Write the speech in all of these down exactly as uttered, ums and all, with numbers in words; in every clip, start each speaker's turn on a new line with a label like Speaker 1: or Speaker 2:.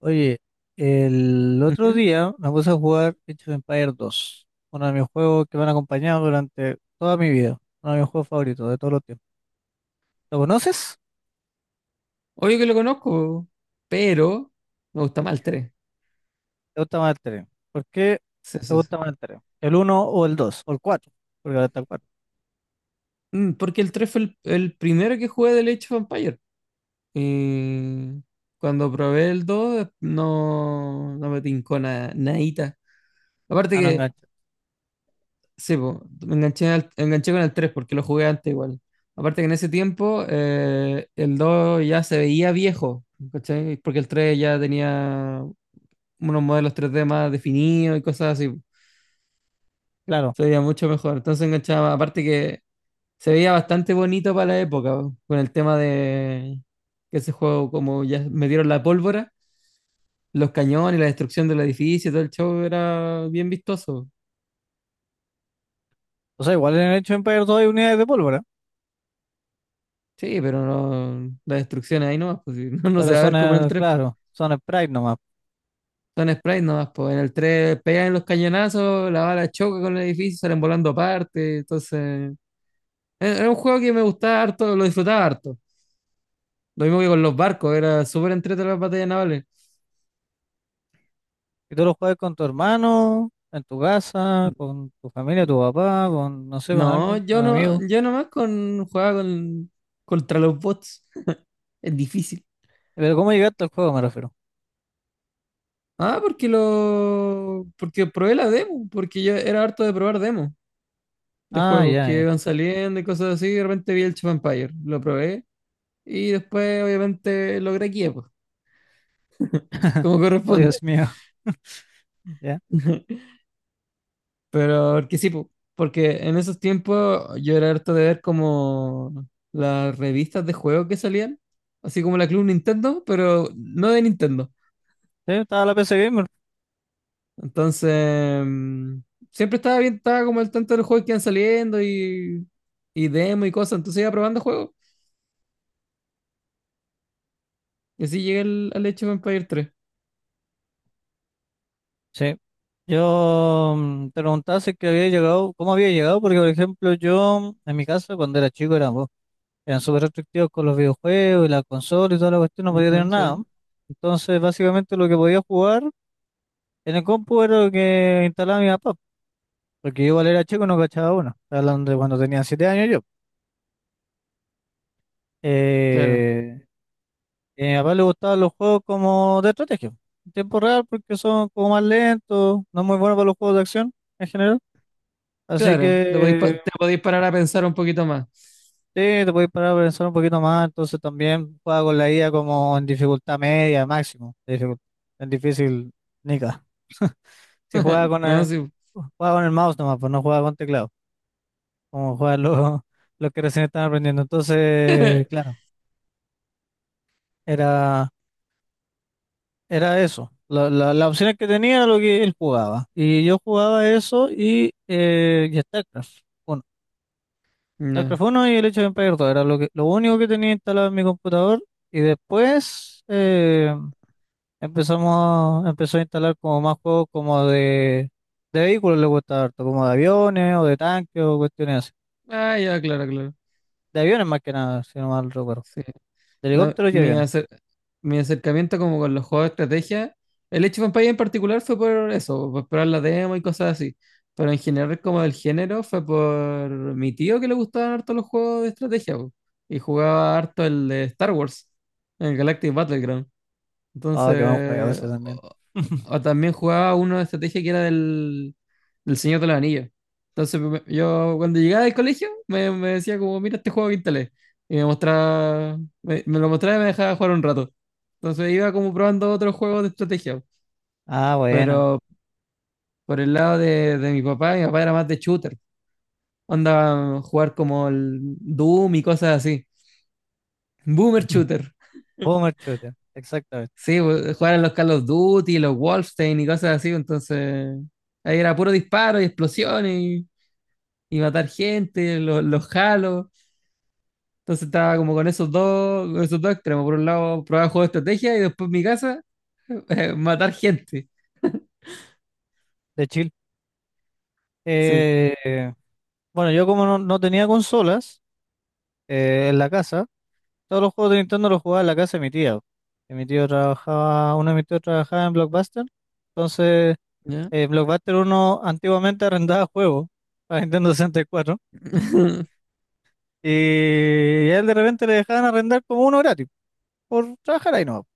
Speaker 1: Oye, el otro
Speaker 2: Ujú.
Speaker 1: día me puse a jugar Age of Empires dos, uno de mis juegos que me han acompañado durante toda mi vida, uno de mis juegos favoritos de todos los tiempos. ¿Lo conoces?
Speaker 2: Obvio que lo conozco, pero me gusta más el tres.
Speaker 1: ¿Te gusta más el tres? ¿Por qué
Speaker 2: Sí,
Speaker 1: te
Speaker 2: sí, sí.
Speaker 1: gusta más el tres? ¿El uno o el dos o el cuatro? Porque ahora está el cuatro.
Speaker 2: Mm, Porque el tres fue el, el primero que jugué del Age of Empires. Y cuando probé el dos eh, no, no me tincó nada, nadita. Aparte
Speaker 1: Ah, no
Speaker 2: que,
Speaker 1: engancha.
Speaker 2: sí, po, me enganché, al- me enganché con el tres porque lo jugué antes igual. Aparte que en ese tiempo eh, el dos ya se veía viejo, ¿cachai? Porque el tres ya tenía unos modelos tres D más definidos y cosas así.
Speaker 1: Claro.
Speaker 2: Se veía mucho mejor. Entonces enganchaba más. Aparte que se veía bastante bonito para la época, po, con el tema de que ese juego, como ya metieron la pólvora, los cañones, la destrucción del edificio, todo el show era bien vistoso.
Speaker 1: O sea, igual en el Age of Empires dos hay unidades de pólvora,
Speaker 2: Sí, pero no, la destrucción ahí nomás, pues, sí, no, no se
Speaker 1: pero
Speaker 2: va a
Speaker 1: son,
Speaker 2: ver como en el
Speaker 1: eh,
Speaker 2: tres po.
Speaker 1: claro, son sprites nomás.
Speaker 2: Son sprites nomás, pues en el tres pegan los cañonazos, la bala choca con el edificio, salen volando aparte. Entonces, era era un juego que me gustaba harto, lo disfrutaba harto. Lo mismo que con los barcos, era súper entretenido las batallas navales.
Speaker 1: Y tú lo juegas con tu hermano, en tu casa, con tu familia, tu papá, con, no sé, con
Speaker 2: No,
Speaker 1: alguien, con
Speaker 2: yo
Speaker 1: un
Speaker 2: no,
Speaker 1: amigo.
Speaker 2: yo nomás con jugaba con contra los bots. Es difícil.
Speaker 1: Pero ¿cómo llegaste al juego, me refiero?
Speaker 2: Ah, porque lo porque probé la demo, porque yo era harto de probar demos de
Speaker 1: Ah,
Speaker 2: juegos
Speaker 1: ya,
Speaker 2: que
Speaker 1: ya.
Speaker 2: iban saliendo y cosas así, y de repente vi el Age of Empires, lo probé y después obviamente logré aquí, pues, como
Speaker 1: Oh,
Speaker 2: corresponde.
Speaker 1: Dios mío. Ya.
Speaker 2: Pero porque sí, po, porque en esos tiempos yo era harto de ver como las revistas de juegos que salían, así como la Club Nintendo, pero no de Nintendo.
Speaker 1: Sí, estaba la P C Gamer.
Speaker 2: Entonces, mm, siempre estaba bien, estaba como al tanto de los juegos que iban saliendo y, y demo y cosas, entonces iba probando juegos. Y así llegué al, al Age of Empires tres.
Speaker 1: Sí. Yo mm, te preguntaba si es que había llegado, cómo había llegado, porque por ejemplo yo, en mi casa, cuando era chico, eran, vos, eran súper restrictivos con los videojuegos y la consola y toda la cuestión, no podía tener
Speaker 2: Ujú,
Speaker 1: nada.
Speaker 2: sí,
Speaker 1: Entonces, básicamente lo que podía jugar en el compu era lo que instalaba mi papá, porque yo igual era chico y no cachaba uno. Estoy hablando de cuando tenía siete años yo.
Speaker 2: claro,
Speaker 1: Eh, Y a mi papá le gustaban los juegos como de estrategia, en tiempo real, porque son como más lentos, no es muy bueno para los juegos de acción en general. Así
Speaker 2: claro, te podéis, pa-
Speaker 1: que
Speaker 2: te podéis parar a pensar un poquito más.
Speaker 1: sí, te puedes parar a pensar un poquito más. Entonces también juega con la I A como en dificultad media, máximo, de dificult- en difícil, nica. Si juega con
Speaker 2: No,
Speaker 1: el,
Speaker 2: sí.
Speaker 1: juega con el mouse nomás, pues no juega con teclado, como juegan los, los que recién están aprendiendo. Entonces, claro, era. Era eso. La, la, las opciones que tenía era lo que él jugaba. Y yo jugaba eso y, eh, y StarCraft uno.
Speaker 2: No.
Speaker 1: StarCraft uno y el hecho de Empire dos era lo que, lo único que tenía instalado en mi computador. Y después eh, empezamos, empezó a instalar como más juegos como de, de vehículos le gustaba harto, como de aviones o de tanques o cuestiones así.
Speaker 2: Ah, ya, claro, claro.
Speaker 1: De aviones más que nada, si no mal recuerdo.
Speaker 2: Sí.
Speaker 1: De
Speaker 2: No,
Speaker 1: helicópteros y
Speaker 2: mi,
Speaker 1: aviones.
Speaker 2: acer- mi acercamiento como con los juegos de estrategia, el Age of Empires en particular fue por eso, por esperar la demo y cosas así. Pero en general como del género fue por mi tío que le gustaban harto los juegos de estrategia po, y jugaba harto el de Star Wars, el Galactic Battleground.
Speaker 1: Ah, qué buen juego
Speaker 2: Entonces,
Speaker 1: ese también.
Speaker 2: o, o también jugaba uno de estrategia que era del, del Señor de los Anillos. Entonces, me- yo cuando llegaba del colegio, me, me decía como, mira este juego que instalé. Y me mostraba, me, me lo mostraba y me dejaba jugar un rato. Entonces iba como probando otros juegos de estrategia.
Speaker 1: Ah, bueno.
Speaker 2: Pero por el lado de, de mi papá, mi papá era más de shooter. Onda jugar como el Doom y cosas así. Boomer shooter.
Speaker 1: Boomer Shooter, exactamente.
Speaker 2: Sí, pues, jugar a los Call of Duty, los Wolfenstein y cosas así, entonces ahí era puro disparo y explosiones y, y matar gente, los, los Halo. Entonces estaba como con esos dos, con esos dos extremos. Por un lado, probar juegos de estrategia y después en mi casa, eh, matar gente.
Speaker 1: De
Speaker 2: Sí.
Speaker 1: Eh, bueno, yo como no, no tenía consolas eh, en la casa, todos los juegos de Nintendo los jugaba en la casa de mi tía, que mi tío trabajaba, uno de mis tíos trabajaba en Blockbuster, entonces
Speaker 2: ¿Ya?
Speaker 1: eh, Blockbuster uno antiguamente arrendaba juegos para Nintendo sesenta y cuatro y cuatro. Y a él de repente le dejaban arrendar como uno gratis por trabajar ahí, ¿no?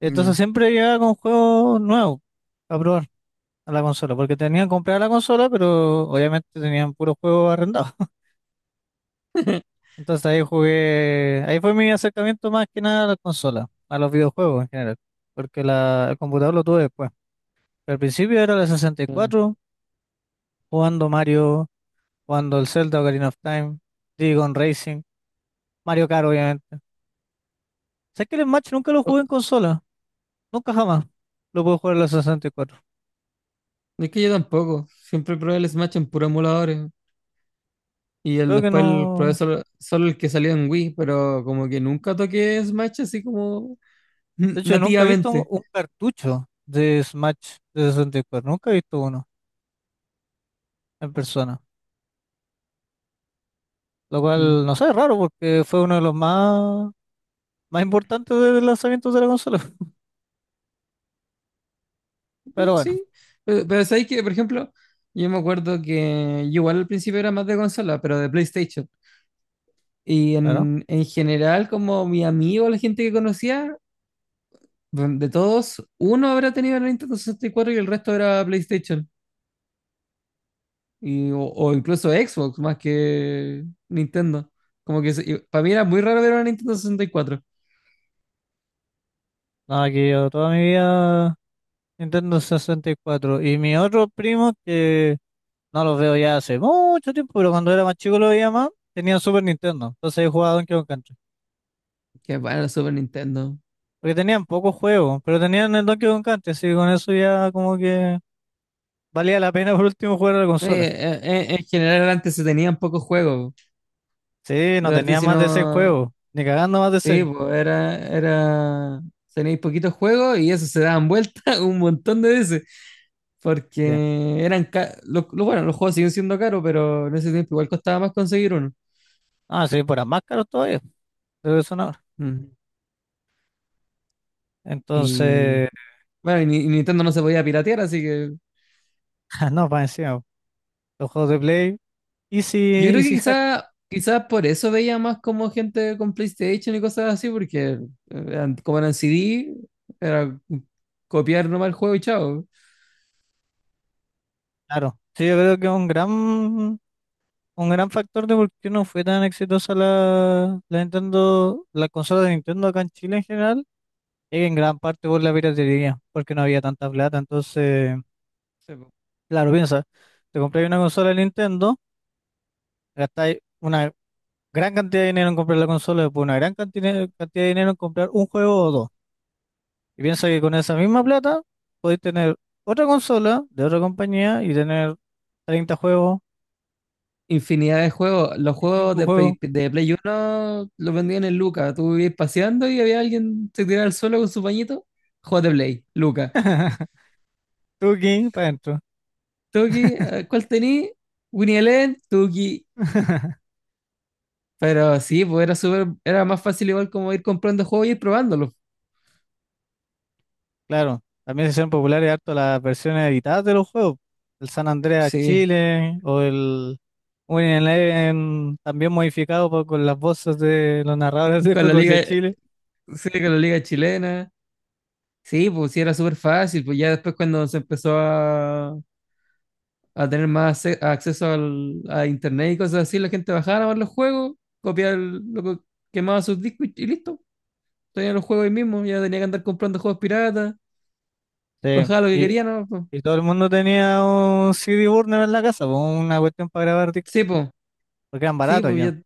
Speaker 1: Entonces
Speaker 2: No.
Speaker 1: siempre llegaba con juegos nuevos a probar a la consola, porque tenían comprada la consola, pero obviamente tenían puros juegos arrendados. Entonces ahí jugué, ahí fue mi acercamiento más que nada a la consola, a los videojuegos en general, porque la, el computador lo tuve después. Pero al principio era la
Speaker 2: Claro.
Speaker 1: sesenta y cuatro, jugando Mario, jugando el Zelda Ocarina of Time, Digon Racing, Mario Kart obviamente. Sé que el Smash nunca lo
Speaker 2: Oh,
Speaker 1: jugué en consola, nunca jamás lo pude jugar en la sesenta y cuatro.
Speaker 2: es que yo tampoco. Siempre probé el Smash en puros emuladores. Y el,
Speaker 1: Creo que
Speaker 2: después el, probé
Speaker 1: no,
Speaker 2: solo, solo el que salió en Wii, pero como que nunca toqué Smash así como
Speaker 1: de hecho nunca he visto un,
Speaker 2: nativamente.
Speaker 1: un cartucho de Smash de sesenta y cuatro, nunca he visto uno en persona, lo cual
Speaker 2: Mm,
Speaker 1: no sé, es raro porque fue uno de los más más importante del lanzamiento de la consola.
Speaker 2: mm,
Speaker 1: Pero bueno,
Speaker 2: sí, pero, pero sabéis que, por ejemplo, yo me acuerdo que yo igual al principio era más de consola, pero de PlayStation. Y
Speaker 1: claro.
Speaker 2: en, en general, como mi amigo, la gente que conocía, bueno, de todos, uno habrá tenido el Nintendo sesenta y cuatro y el resto era PlayStation. Y, o, o incluso Xbox más que Nintendo. Como que se- y para mí era muy raro ver una Nintendo sesenta y cuatro.
Speaker 1: Nada, que yo toda mi vida Nintendo sesenta y cuatro. Y cuatro. Y mis otros primos, que no los veo ya hace mucho tiempo, pero cuando era más chico lo veía más, tenían Super Nintendo. Entonces yo jugaba Donkey Kong Country.
Speaker 2: Que bueno, la Super Nintendo.
Speaker 1: Porque tenían pocos juegos, pero tenían el Donkey Kong Country, así que con eso ya como que valía la pena por último jugar a la
Speaker 2: Eh,
Speaker 1: consola.
Speaker 2: eh, eh, en general antes se tenían pocos juegos.
Speaker 1: Sí,
Speaker 2: De
Speaker 1: no
Speaker 2: verdad,
Speaker 1: tenía
Speaker 2: si
Speaker 1: más de seis
Speaker 2: no.
Speaker 1: juegos, ni cagando más de
Speaker 2: Sí,
Speaker 1: seis.
Speaker 2: pues era, era, tenéis poquitos juegos y eso se daban vuelta un montón de veces,
Speaker 1: Sí.
Speaker 2: porque eran, ca- lo, lo- bueno, los juegos siguen siendo caros, pero en ese tiempo igual costaba más conseguir uno.
Speaker 1: Ah, sí, por más caros todavía, de lo que son ahora.
Speaker 2: Mm. Y
Speaker 1: Entonces,
Speaker 2: bueno, y, ni- y Nintendo no se podía piratear, así que
Speaker 1: no, para encima, los juegos de Play Easy,
Speaker 2: yo creo que
Speaker 1: Easy Hack,
Speaker 2: quizás quizás por eso veía más como gente con PlayStation y cosas así, porque eh, eran- como eran C D, era copiar nomás el juego y chao.
Speaker 1: claro. Sí, yo creo que es un gran, un gran factor de por qué no fue tan exitosa la, la Nintendo, la consola de Nintendo acá en Chile en general, es que en gran parte por la piratería, porque no había tanta plata. Entonces, claro, piensa, te compras una consola de Nintendo, gastáis una gran cantidad de dinero en comprar la consola, después una gran cantidad, cantidad de dinero en comprar un juego o dos. Y piensa que con esa misma plata podéis tener otra consola de otra compañía y tener treinta juegos
Speaker 2: Infinidad de juegos. Los
Speaker 1: y
Speaker 2: juegos
Speaker 1: cinco
Speaker 2: de
Speaker 1: juegos.
Speaker 2: Play, de Play uno los vendían en Luca. Tú ibas paseando y había alguien se tiraba al suelo con su pañito. Juegos de Play, Luca.
Speaker 1: Tuki, para adentro.
Speaker 2: Tuki, eh, ¿cuál tení? Winnie Eleven, Tuki. Pero sí, pues era súper, era más fácil igual como ir comprando juegos y ir probándolos.
Speaker 1: Claro, también se hicieron populares harto las versiones editadas de los juegos. El San Andreas
Speaker 2: Sí,
Speaker 1: Chile o el Winning Eleven, también modificado por- con las voces de los narradores de
Speaker 2: con la
Speaker 1: fútbol de
Speaker 2: liga,
Speaker 1: Chile.
Speaker 2: sí, con la liga chilena. Sí, pues sí, era súper fácil. Pues ya después cuando se empezó a, a tener más acce- acceso al, a internet y cosas así, la gente bajaba a ver los juegos, copiaba el- lo que quemaba sus discos y, y listo. Tenía los juegos ahí mismo, ya no tenía que andar comprando juegos piratas,
Speaker 1: Sí,
Speaker 2: bajaba lo que
Speaker 1: y,
Speaker 2: quería, ¿no? Po.
Speaker 1: y todo el mundo tenía un C D burner en la casa, po, una cuestión para grabar discos,
Speaker 2: Sí, pues,
Speaker 1: porque eran
Speaker 2: sí,
Speaker 1: baratos
Speaker 2: pues
Speaker 1: ya.
Speaker 2: ya,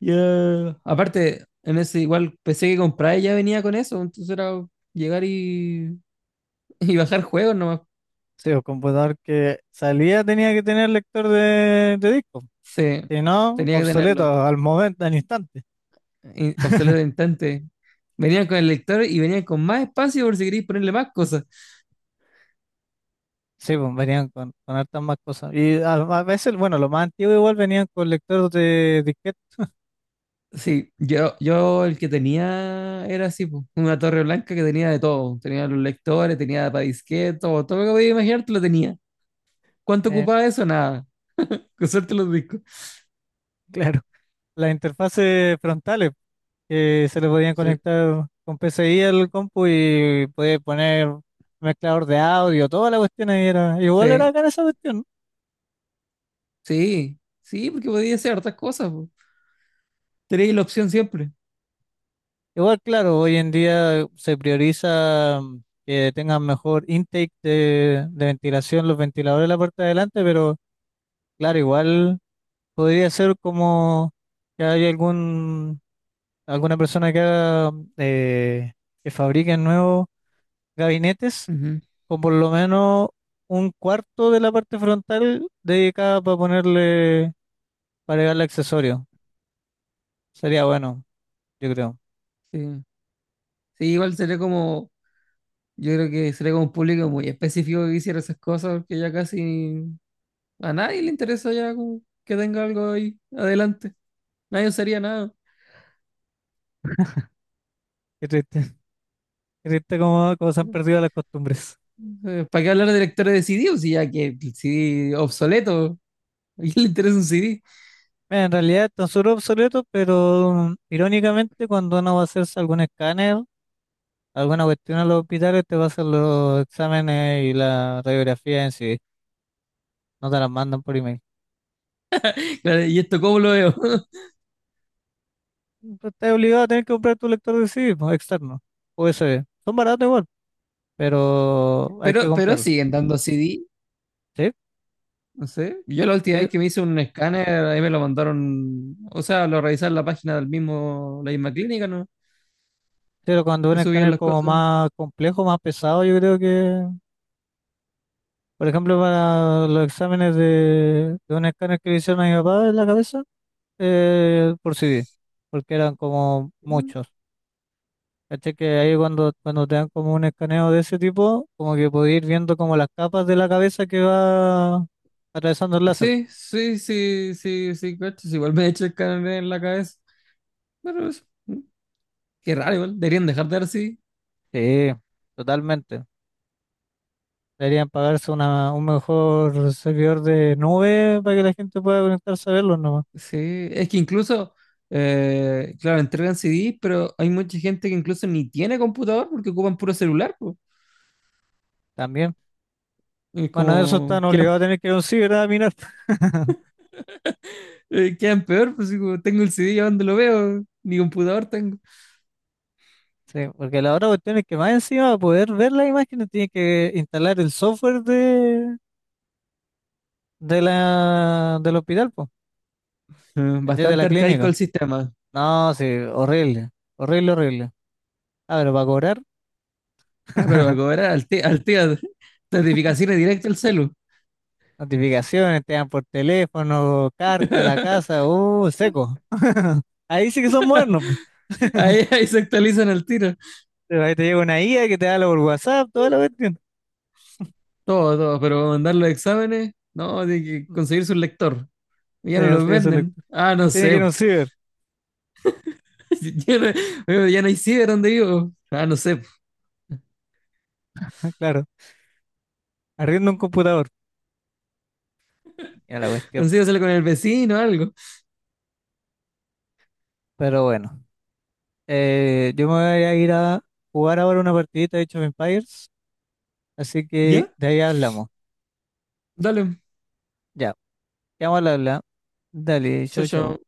Speaker 2: ya. Aparte, en ese igual pensé que compraba ya venía con eso, entonces era llegar y, y bajar juegos nomás.
Speaker 1: Sí, el computador que salía tenía que tener lector de, de disco.
Speaker 2: Sí,
Speaker 1: Si no,
Speaker 2: tenía que
Speaker 1: obsoleto
Speaker 2: tenerlo.
Speaker 1: al momento, al instante.
Speaker 2: Y- Obsoleto de instante. Venían con el lector y venían con más espacio por si queréis ponerle más cosas.
Speaker 1: Sí, pues venían con, con hartas más cosas. Y a, a veces, bueno, lo más antiguo igual venían con lectores de disquete,
Speaker 2: Sí, yo, yo el que tenía era así, po, una torre blanca que tenía de todo. Tenía los lectores, tenía para disquetes, todo, todo lo que podía imaginar te lo tenía. ¿Cuánto
Speaker 1: eh,
Speaker 2: ocupaba eso? Nada. Con suerte los discos.
Speaker 1: claro, las interfaces frontales que se le podían
Speaker 2: Sí,
Speaker 1: conectar con P C I al compu y podías poner mezclador de audio, toda la cuestión ahí era, igual
Speaker 2: sí,
Speaker 1: era cara esa cuestión, ¿no?
Speaker 2: sí, sí, porque podía hacer hartas cosas, po. Tenía la opción siempre.
Speaker 1: Igual, claro, hoy en día se prioriza mm, que tengan mejor intake de, de ventilación los ventiladores de la parte de adelante, pero claro, igual podría ser como que hay algún alguna persona que haga, eh, que fabrique nuevos gabinetes
Speaker 2: Ujú,
Speaker 1: con por lo menos un cuarto de la parte frontal dedicada para ponerle, para agregarle accesorio. Sería bueno, yo creo.
Speaker 2: sí. Sí, igual sería como, yo creo que sería como un público muy específico que hiciera esas cosas, porque ya casi a nadie le interesa ya como que tenga algo ahí adelante. Nadie usaría nada.
Speaker 1: Qué triste, qué triste como, como se han
Speaker 2: Sí.
Speaker 1: perdido las costumbres.
Speaker 2: Eh, ¿Para qué hablar de lectores de C D? O sea, ya que el C D obsoleto, ¿a quién le interesa un C D?
Speaker 1: Mira, en realidad están súper obsoletos, pero mm, irónicamente cuando uno va a hacerse algún escáner, alguna cuestión en los hospitales, te va a hacer los exámenes y la radiografía en sí. No te las mandan por email.
Speaker 2: Claro, ¿y esto cómo lo veo?
Speaker 1: Pero estás obligado a tener que comprar tu lector de C D, pues, externo, U S B. Son baratos igual, pero hay
Speaker 2: Pero,
Speaker 1: que
Speaker 2: pero
Speaker 1: comprarlo.
Speaker 2: siguen dando C D,
Speaker 1: Sí,
Speaker 2: no sé. Yo la última
Speaker 1: sí,
Speaker 2: vez que me hice un escáner, ahí me lo mandaron, o sea, lo revisé en la página del mismo, la misma clínica, ¿no?
Speaker 1: pero cuando un
Speaker 2: Que subían
Speaker 1: escáner
Speaker 2: las
Speaker 1: como
Speaker 2: cosas.
Speaker 1: más complejo, más pesado, yo creo que, por ejemplo, para los exámenes de, de un escáner que le hicieron a mi papá en la cabeza, eh, por C D, porque eran como
Speaker 2: Mm,
Speaker 1: muchos. ¿Cachai? Que ahí cuando, cuando te dan como un escaneo de ese tipo, como que podés ir viendo como las capas de la cabeza que va atravesando el láser.
Speaker 2: sí, sí, sí, sí, sí, cachas, igual me he hecho escáner en la cabeza. Pero eso, mm, qué raro, igual. Deberían dejar de dar C D.
Speaker 1: Sí, totalmente. Deberían pagarse una, un mejor servidor de nube para que la gente pueda conectarse a verlos nomás.
Speaker 2: Sí, es que incluso, eh, claro, entregan C D, pero hay mucha gente que incluso ni tiene computador porque ocupan puro celular, pues.
Speaker 1: También.
Speaker 2: Es
Speaker 1: Bueno, eso
Speaker 2: como,
Speaker 1: están
Speaker 2: quedan,
Speaker 1: obligados a tener que ir a un ciber a mirar.
Speaker 2: eh, quedan peor, pues así como, tengo el C D, ¿a dónde lo veo? Ni computador tengo.
Speaker 1: Sí, porque la otra cuestión es que más encima para poder ver las imágenes tienen que instalar el software de, de la, del hospital, pues,
Speaker 2: Eh,
Speaker 1: de la
Speaker 2: Bastante arcaico
Speaker 1: clínica.
Speaker 2: el sistema.
Speaker 1: No, sí, horrible. Horrible, horrible. Ah, pero para cobrar,
Speaker 2: Ah, pero va a cobrar al ti- al tiro. Notificaciones directas al celu.
Speaker 1: notificaciones, te dan por teléfono, carta a la casa, uh, seco. Ahí sí que son modernos, po.
Speaker 2: Ahí, ahí se actualizan al tiro.
Speaker 1: Pero ahí te llega una I A que te habla por WhatsApp, toda la cuestión.
Speaker 2: Todo, todo, pero para mandar los exámenes, no, tiene que conseguir su lector. Ya no
Speaker 1: Tiene que
Speaker 2: los
Speaker 1: ser su
Speaker 2: venden.
Speaker 1: lector.
Speaker 2: Ah,
Speaker 1: Ah,
Speaker 2: no
Speaker 1: tiene que ir
Speaker 2: sé,
Speaker 1: a un ciber,
Speaker 2: ya, no, ya no hay ciber donde vivo. Ah, no sé.
Speaker 1: claro. Arriendo un computador, ya la cuestión.
Speaker 2: Consígaselo con el vecino o algo.
Speaker 1: Pero bueno, eh, yo me voy a ir a jugar ahora una partidita de Age of Empires, así que
Speaker 2: Ya,
Speaker 1: de ahí hablamos.
Speaker 2: dale.
Speaker 1: Ya, ya vamos a hablar. Dale,
Speaker 2: Chao,
Speaker 1: chau, chau.
Speaker 2: chao.